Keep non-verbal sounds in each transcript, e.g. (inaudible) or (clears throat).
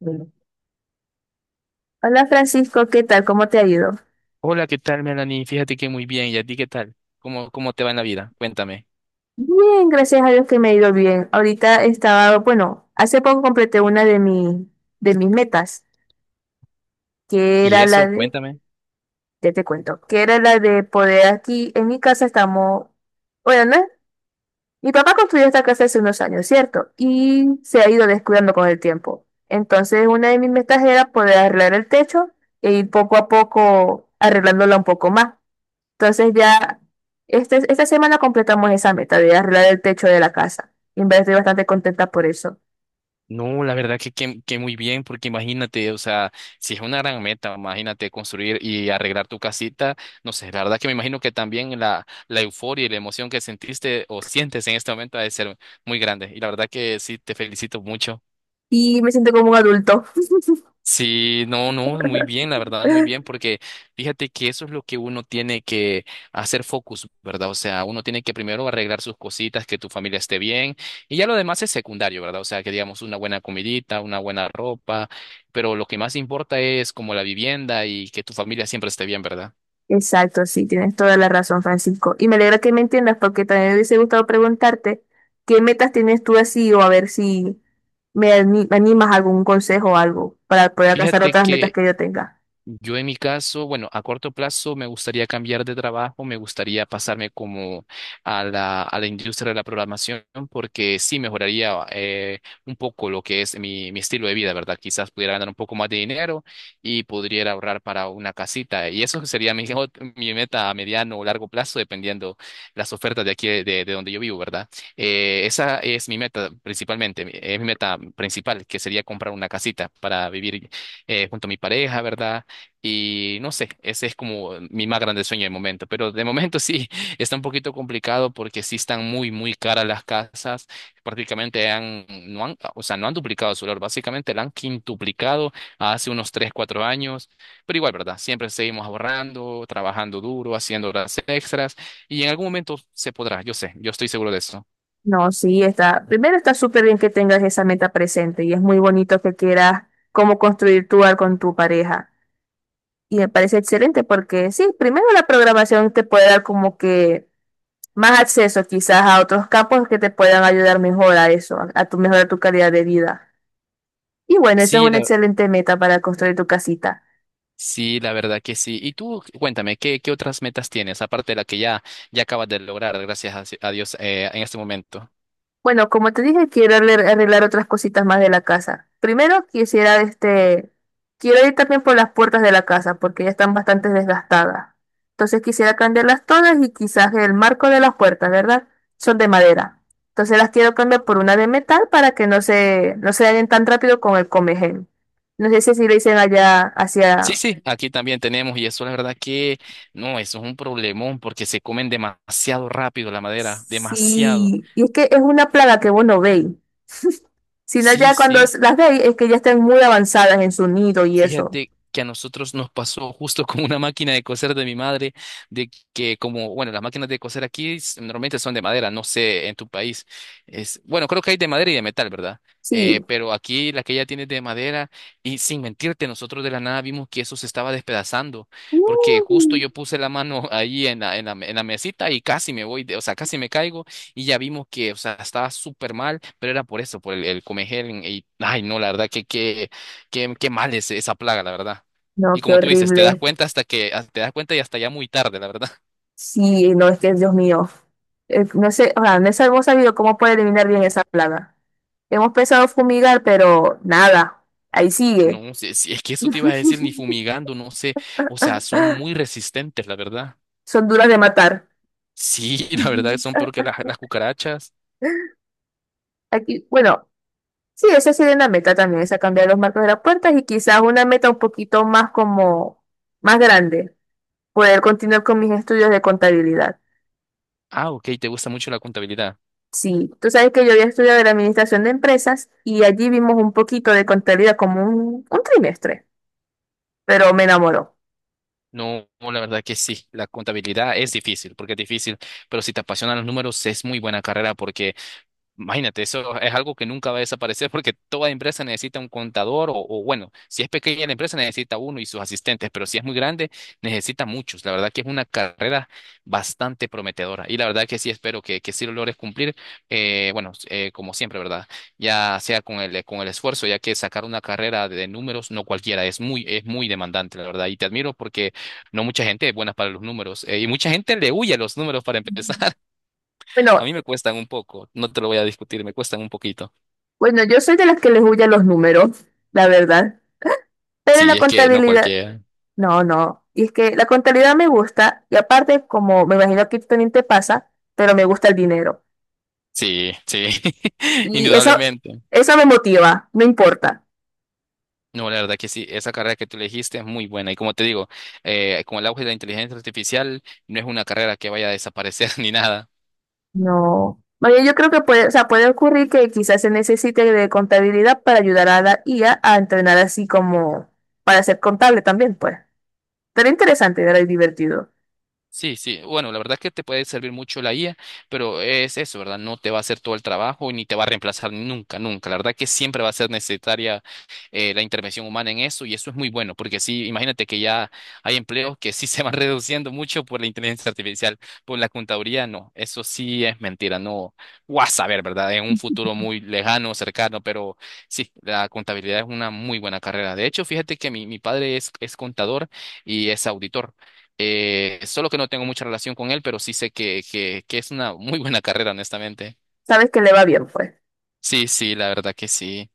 Bueno. Hola Francisco, ¿qué tal? ¿Cómo te ha ido? Hola, ¿qué tal, Melanie? Fíjate que muy bien. ¿Y a ti qué tal? ¿Cómo te va en la vida? Cuéntame. Bien, gracias a Dios que me ha ido bien. Ahorita estaba, bueno, hace poco completé una de de mis metas, que ¿Y era eso? Cuéntame. ya te cuento, que era la de poder aquí, en mi casa estamos, bueno, ¿no? Mi papá construyó esta casa hace unos años, ¿cierto? Y se ha ido descuidando con el tiempo. Entonces, una de mis metas era poder arreglar el techo e ir poco a poco arreglándola un poco más. Entonces ya esta semana completamos esa meta de arreglar el techo de la casa. Y en verdad estoy bastante contenta por eso. No, la verdad que muy bien, porque imagínate, o sea, si es una gran meta, imagínate construir y arreglar tu casita, no sé, la verdad que me imagino que también la euforia y la emoción que sentiste o sientes en este momento ha de ser muy grande. Y la verdad que sí, te felicito mucho. Y me siento como un adulto. Sí, no, no, muy bien, la verdad, muy bien, (laughs) porque fíjate que eso es lo que uno tiene que hacer focus, ¿verdad? O sea, uno tiene que primero arreglar sus cositas, que tu familia esté bien, y ya lo demás es secundario, ¿verdad? O sea, que digamos una buena comidita, una buena ropa, pero lo que más importa es como la vivienda y que tu familia siempre esté bien, ¿verdad? Exacto, sí, tienes toda la razón, Francisco. Y me alegra que me entiendas porque también me hubiese gustado preguntarte qué metas tienes tú así o a ver si me animas a algún consejo o algo para poder alcanzar Fíjate otras metas que que yo tenga. yo en mi caso, bueno, a corto plazo me gustaría cambiar de trabajo, me gustaría pasarme como a la industria de la programación porque sí mejoraría un poco lo que es mi estilo de vida, ¿verdad? Quizás pudiera ganar un poco más de dinero y podría ahorrar para una casita. Y eso sería mi, (laughs) mi meta a mediano o largo plazo, dependiendo las ofertas de aquí, de donde yo vivo, ¿verdad? Esa es mi meta principalmente, es mi meta principal, que sería comprar una casita para vivir junto a mi pareja, ¿verdad? Y no sé, ese es como mi más grande sueño de momento. Pero de momento sí, (laughs) está un poquito complicado porque sí están muy, muy caras las casas. Prácticamente han, no han, o sea, no han duplicado su valor. Básicamente la han quintuplicado hace unos 3 4 años. Pero igual, ¿verdad? Siempre seguimos ahorrando, trabajando duro, haciendo horas extras. Y en algún momento se podrá, yo sé, yo estoy seguro de eso. No, sí, está. Primero está súper bien que tengas esa meta presente y es muy bonito que quieras cómo construir tu hogar con tu pareja. Y me parece excelente porque sí, primero la programación te puede dar como que más acceso quizás a otros campos que te puedan ayudar mejor a eso, a tu mejorar tu calidad de vida. Y bueno, eso es Sí, una la excelente meta para construir tu casita. Sí, la verdad que sí. Y tú, cuéntame, ¿qué otras metas tienes, aparte de la que ya acabas de lograr, gracias a, si, a Dios, en este momento? Bueno, como te dije, quiero arreglar otras cositas más de la casa. Primero quisiera, este, quiero ir también por las puertas de la casa porque ya están bastante desgastadas. Entonces quisiera cambiarlas todas y quizás el marco de las puertas, ¿verdad? Son de madera. Entonces las quiero cambiar por una de metal para que no se dañen tan rápido con el comején. No sé si así le dicen allá Sí, hacia... sí, aquí también tenemos, y eso la verdad que no, eso es un problemón porque se comen demasiado rápido la madera, demasiado. Sí, y es que es una plaga que vos no veis. Sino Sí, ya cuando sí. las veis es que ya están muy avanzadas en su nido y eso. Fíjate que a nosotros nos pasó justo con una máquina de coser de mi madre, de que como, bueno, las máquinas de coser aquí normalmente son de madera, no sé, en tu país. Es, bueno, creo que hay de madera y de metal, ¿verdad? Sí. Pero aquí la que ella tiene es de madera y sin mentirte, nosotros de la nada vimos que eso se estaba despedazando, porque justo Mm. yo puse la mano (laughs) ahí en la, en la, en la mesita y casi me voy, o sea, casi me caigo y ya vimos que, o sea, estaba súper mal, pero era por eso, por el comejel y, ay, no, la verdad que qué mal es esa plaga, la verdad. No, Y qué como tú dices, te das horrible. cuenta hasta que ah, te das cuenta y hasta ya muy tarde, la verdad. (laughs) Sí, no, es que Dios mío. No sé, o sea, no sé- hemos sabido cómo puede eliminar bien esa plaga. Hemos pensado fumigar, pero nada. Ahí sigue. No, si es que eso te iba a decir ni fumigando, no sé. O sea, son Ah, muy resistentes, la verdad. son duras de matar. Sí, (laughs) la verdad Ujú. son peor que las cucarachas. Aquí, bueno, sí, esa sería una meta también, esa cambiar los marcos de las puertas y quizás una meta un poquito más como, más grande, poder continuar con mis estudios de contabilidad. Ah, ok, te gusta mucho la contabilidad. Sí, tú sabes que yo había estudiado la administración de empresas y allí vimos un poquito de contabilidad como un trimestre, pero me enamoró. No, no, la verdad que sí, la contabilidad es difícil, porque es difícil, pero si te apasionan los números es muy buena carrera porque imagínate, eso es algo que nunca va a desaparecer porque toda empresa necesita un contador o bueno, si es pequeña la empresa necesita uno y sus asistentes, pero si es muy grande necesita muchos. La verdad que es una carrera bastante prometedora y la verdad que sí espero que sí lo logres cumplir, bueno, como siempre, ¿verdad? Ya sea con el esfuerzo, ya que sacar una carrera de números no cualquiera, es muy, demandante, la verdad, y te admiro porque no mucha gente es buena para los números y mucha gente le huye a los números para empezar. A Bueno, mí me cuestan un poco, no te lo voy a discutir, me cuestan un poquito. bueno, yo soy de las que les huyen los números, la verdad, pero la Sí, es que no contabilidad, cualquiera. no, no, y es que la contabilidad me gusta y aparte, como me imagino que también te pasa, pero me gusta el dinero Sí, sí, (laughs) y indudablemente. eso me motiva, no importa. No, la verdad que sí, esa carrera que tú elegiste es muy buena. Y como te digo, con el auge de la inteligencia artificial, no es una carrera que vaya a desaparecer (laughs) ni nada. No. Oye, yo creo que puede, o sea, puede ocurrir que quizás se necesite de contabilidad para ayudar a la IA a entrenar así como para ser contable también, pues. Pero interesante, era y divertido. Sí, sí. Bueno, la verdad es que te puede servir mucho la IA, pero es eso, ¿verdad? No te va a hacer todo el trabajo ni te va a reemplazar nunca, nunca. La verdad que siempre va a ser necesaria la intervención humana en eso y eso es muy bueno, porque sí, imagínate que ya hay empleos que sí se van (laughs) reduciendo mucho por la inteligencia artificial, por la contaduría, no. Eso sí es mentira, no. Vas a saber, ¿verdad? En un futuro muy lejano, cercano, pero sí, la contabilidad es una muy buena carrera. De hecho, fíjate que mi padre es contador y es auditor. Solo que no tengo mucha relación con él, pero sí sé que es una muy buena carrera, honestamente. Sabes que le va bien, pues. Sí, sí, la verdad que sí.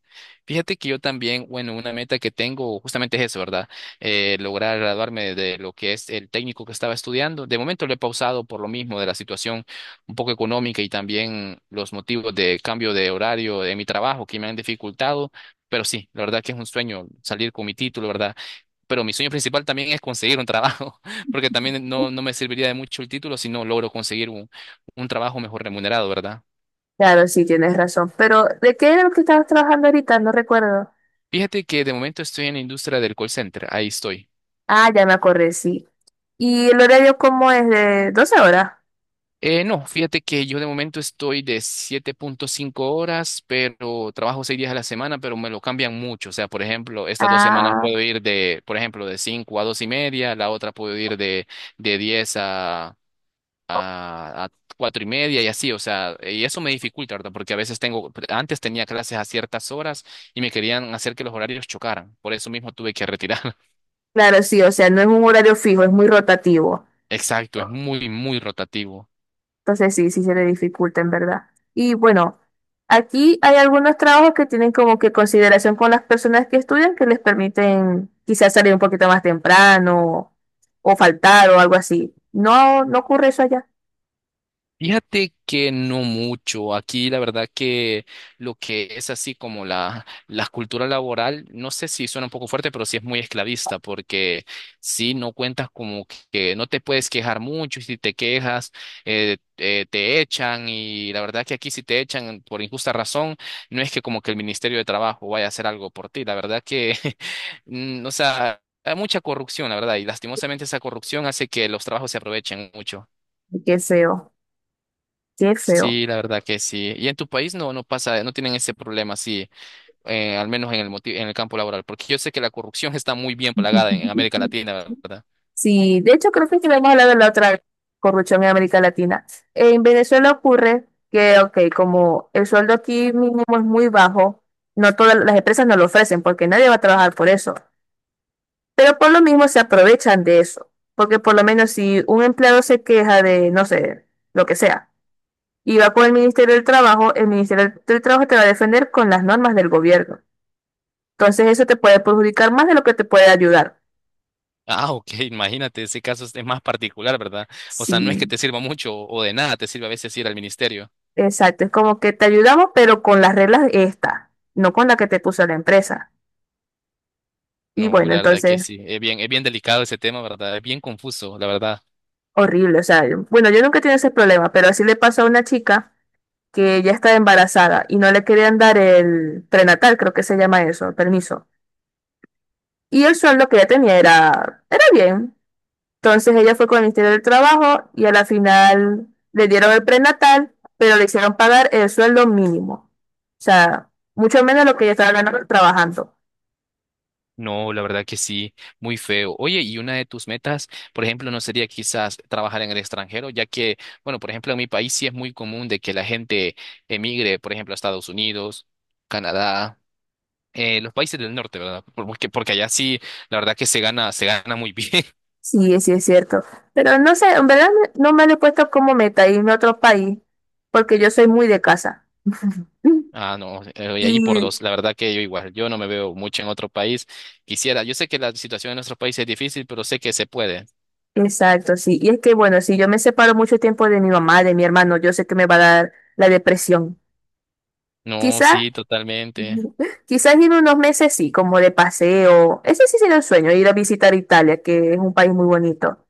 Fíjate que yo también, bueno, una meta que tengo justamente es eso, ¿verdad? Lograr graduarme de lo que es el técnico que estaba estudiando. De momento lo he pausado por lo mismo de la situación un poco económica y también los motivos de cambio de horario de mi trabajo que me han dificultado. Pero sí, la verdad que es un sueño salir con mi título, ¿verdad? Pero mi sueño principal también es conseguir un trabajo, (laughs) porque también no, no me serviría de mucho el título si no logro conseguir un trabajo mejor remunerado, ¿verdad? Claro, sí, tienes razón. Pero, ¿de qué era lo que estabas trabajando ahorita? No recuerdo. Fíjate que de momento estoy en la industria del call center, ahí estoy. Ah, ya me acordé, sí. ¿Y el horario cómo es? ¿De 12 horas? No, fíjate que yo de momento estoy de 7.5 horas, pero trabajo 6 días a la semana, pero me lo cambian mucho. O sea, por ejemplo, estas 2 semanas Ah, puedo ir de, por ejemplo, de 5 a 2 y media, la otra puedo ir de, 10 a cuatro y media y así, o sea, y eso me dificulta, ¿verdad? Porque a veces tengo, antes tenía clases a ciertas horas y me querían hacer que los horarios chocaran, por eso mismo tuve que retirar. (laughs) claro, sí, o sea, no es un horario fijo, es muy rotativo. Exacto, es muy, muy rotativo. Entonces sí, sí se le dificulta en verdad. Y bueno, aquí hay algunos trabajos que tienen como que consideración con las personas que estudian que les permiten quizás salir un poquito más temprano o faltar o algo así. No, no ocurre eso allá. Fíjate que no mucho. Aquí la verdad que lo que es así como la cultura laboral, no sé si suena un poco fuerte, pero sí es muy esclavista, porque si no cuentas como que no te puedes quejar mucho, y si te quejas, te echan, y la verdad que aquí si te echan por injusta razón, no es que como que el Ministerio de Trabajo vaya a hacer algo por ti. La verdad que, (laughs) o sea, hay mucha corrupción, la verdad, y lastimosamente esa corrupción hace que los trabajos se aprovechen mucho. Qué feo, qué feo. Sí, la verdad que sí. Y en tu país no, no pasa, no tienen ese problema, sí, al menos en el en el campo laboral, porque yo sé que la corrupción (laughs) está muy bien plagada en América (laughs) Latina, ¿verdad? Sí, de hecho creo que lo hemos hablado la otra vez, corrupción en América Latina. En Venezuela ocurre que, ok, como el sueldo aquí mínimo es muy bajo, no todas las empresas no lo ofrecen porque nadie va a trabajar por eso. Pero por lo mismo se aprovechan de eso, porque por lo menos si un empleado se queja de, no sé, lo que sea, y va con el Ministerio del Trabajo, el Ministerio del Trabajo te va a defender con las normas del gobierno. Entonces eso te puede perjudicar más de lo que te puede ayudar. Ah, ok, (laughs) imagínate, ese caso es más particular, ¿verdad? O Sí, sea, no es que te sirva mucho o de nada te sirve a veces ir al ministerio. exacto. Es como que te ayudamos, pero con las reglas estas, no con la que te puso la empresa. Y No, bueno, la verdad que entonces, sí, es bien delicado ese tema, ¿verdad? Es bien confuso, la verdad. horrible. O sea, bueno, yo nunca he tenido ese problema, pero así le pasó a una chica que ya está embarazada y no le querían dar el prenatal, creo que se llama eso, el permiso. Y el sueldo que ella tenía era bien. Entonces ella fue con el Ministerio del Trabajo y a la final le dieron el prenatal, pero le hicieron pagar el sueldo mínimo. O sea, mucho menos lo que ella estaba ganando trabajando. No, la verdad que sí, muy feo. Oye, y una de tus metas, por ejemplo, no sería quizás trabajar en el extranjero, ya que, bueno, por ejemplo, en mi país sí es muy común de que la gente emigre, por ejemplo, a Estados Unidos, Canadá, los países del norte, ¿verdad? Porque allá sí, la verdad que se gana muy bien. (laughs) Sí, sí es cierto. Pero no sé, en verdad no me lo he puesto como meta irme a otro país, porque yo soy muy de casa. (clears throat) (laughs) Ah, no, y allí por Y dos, la verdad que yo igual, yo no me veo mucho en otro país. Quisiera, yo sé que la situación en nuestros países es difícil, pero sé que se puede. exacto, sí. Y es que, bueno, si yo me separo mucho tiempo de mi mamá, de mi hermano, yo sé que me va a dar la depresión. No, Quizás, sí, totalmente. (laughs) quizás en unos meses sí, como de paseo. Ese sí sería el sueño, ir a visitar Italia, que es un país muy bonito.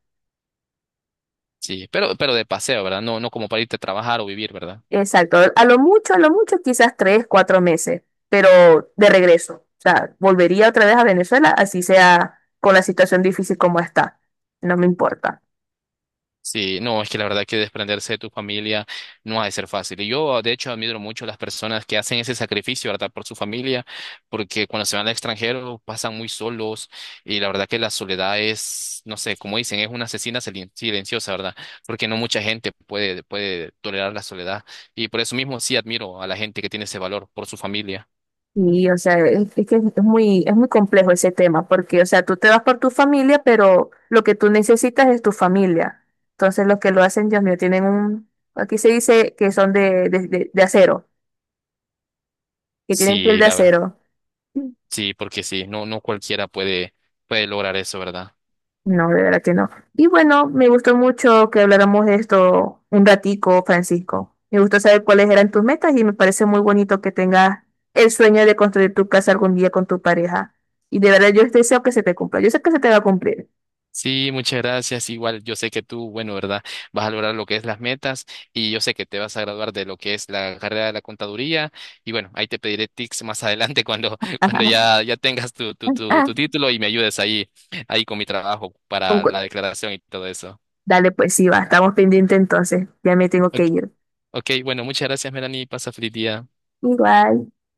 Sí, pero de paseo, ¿verdad? No, no como para irte a trabajar o vivir, ¿verdad? Exacto. A lo mucho, quizás tres, cuatro meses, pero de regreso. O sea, volvería otra vez a Venezuela, así sea con la situación difícil como está. No me importa. Sí, no, es que la verdad que desprenderse de tu familia no ha de ser fácil. Y yo, de hecho, admiro mucho a las personas que hacen ese sacrificio, ¿verdad? Por su familia, porque cuando se van al extranjero pasan muy solos y la verdad que la soledad es, no sé, como dicen, es una asesina silenciosa, ¿verdad? Porque no mucha gente puede, tolerar la soledad. Y por eso mismo sí admiro a la gente que tiene ese valor por su familia. O sea, es que es muy complejo ese tema, porque, o sea, tú te vas por tu familia, pero lo que tú necesitas es tu familia. Entonces, los que lo hacen, Dios mío, tienen un, aquí se dice que son de acero, que tienen piel Sí, de la verdad. acero. Sí, porque sí, no, no cualquiera puede lograr eso, ¿verdad? No, de verdad que no. Y bueno, me gustó mucho que habláramos de esto un ratico, Francisco. Me gustó saber cuáles eran tus metas y me parece muy bonito que tengas el sueño de construir tu casa algún día con tu pareja. Y de verdad yo deseo que se te cumpla. Yo sé que se te va a cumplir. Sí, muchas gracias. Igual yo sé que tú, bueno, ¿verdad? Vas a lograr lo que es las metas y yo sé que te vas a graduar de lo que es la carrera de la contaduría y bueno, ahí te pediré tips más adelante cuando, (laughs) cuando (laughs) ya tengas tu, tu, tu, Ah, tu título y me ayudes ahí con mi trabajo para concu- la declaración y todo eso. dale, pues sí, va, estamos pendientes entonces. Ya me tengo que Ok, ir. ok, bueno, muchas gracias, Melanie. Pasa feliz día. Igual.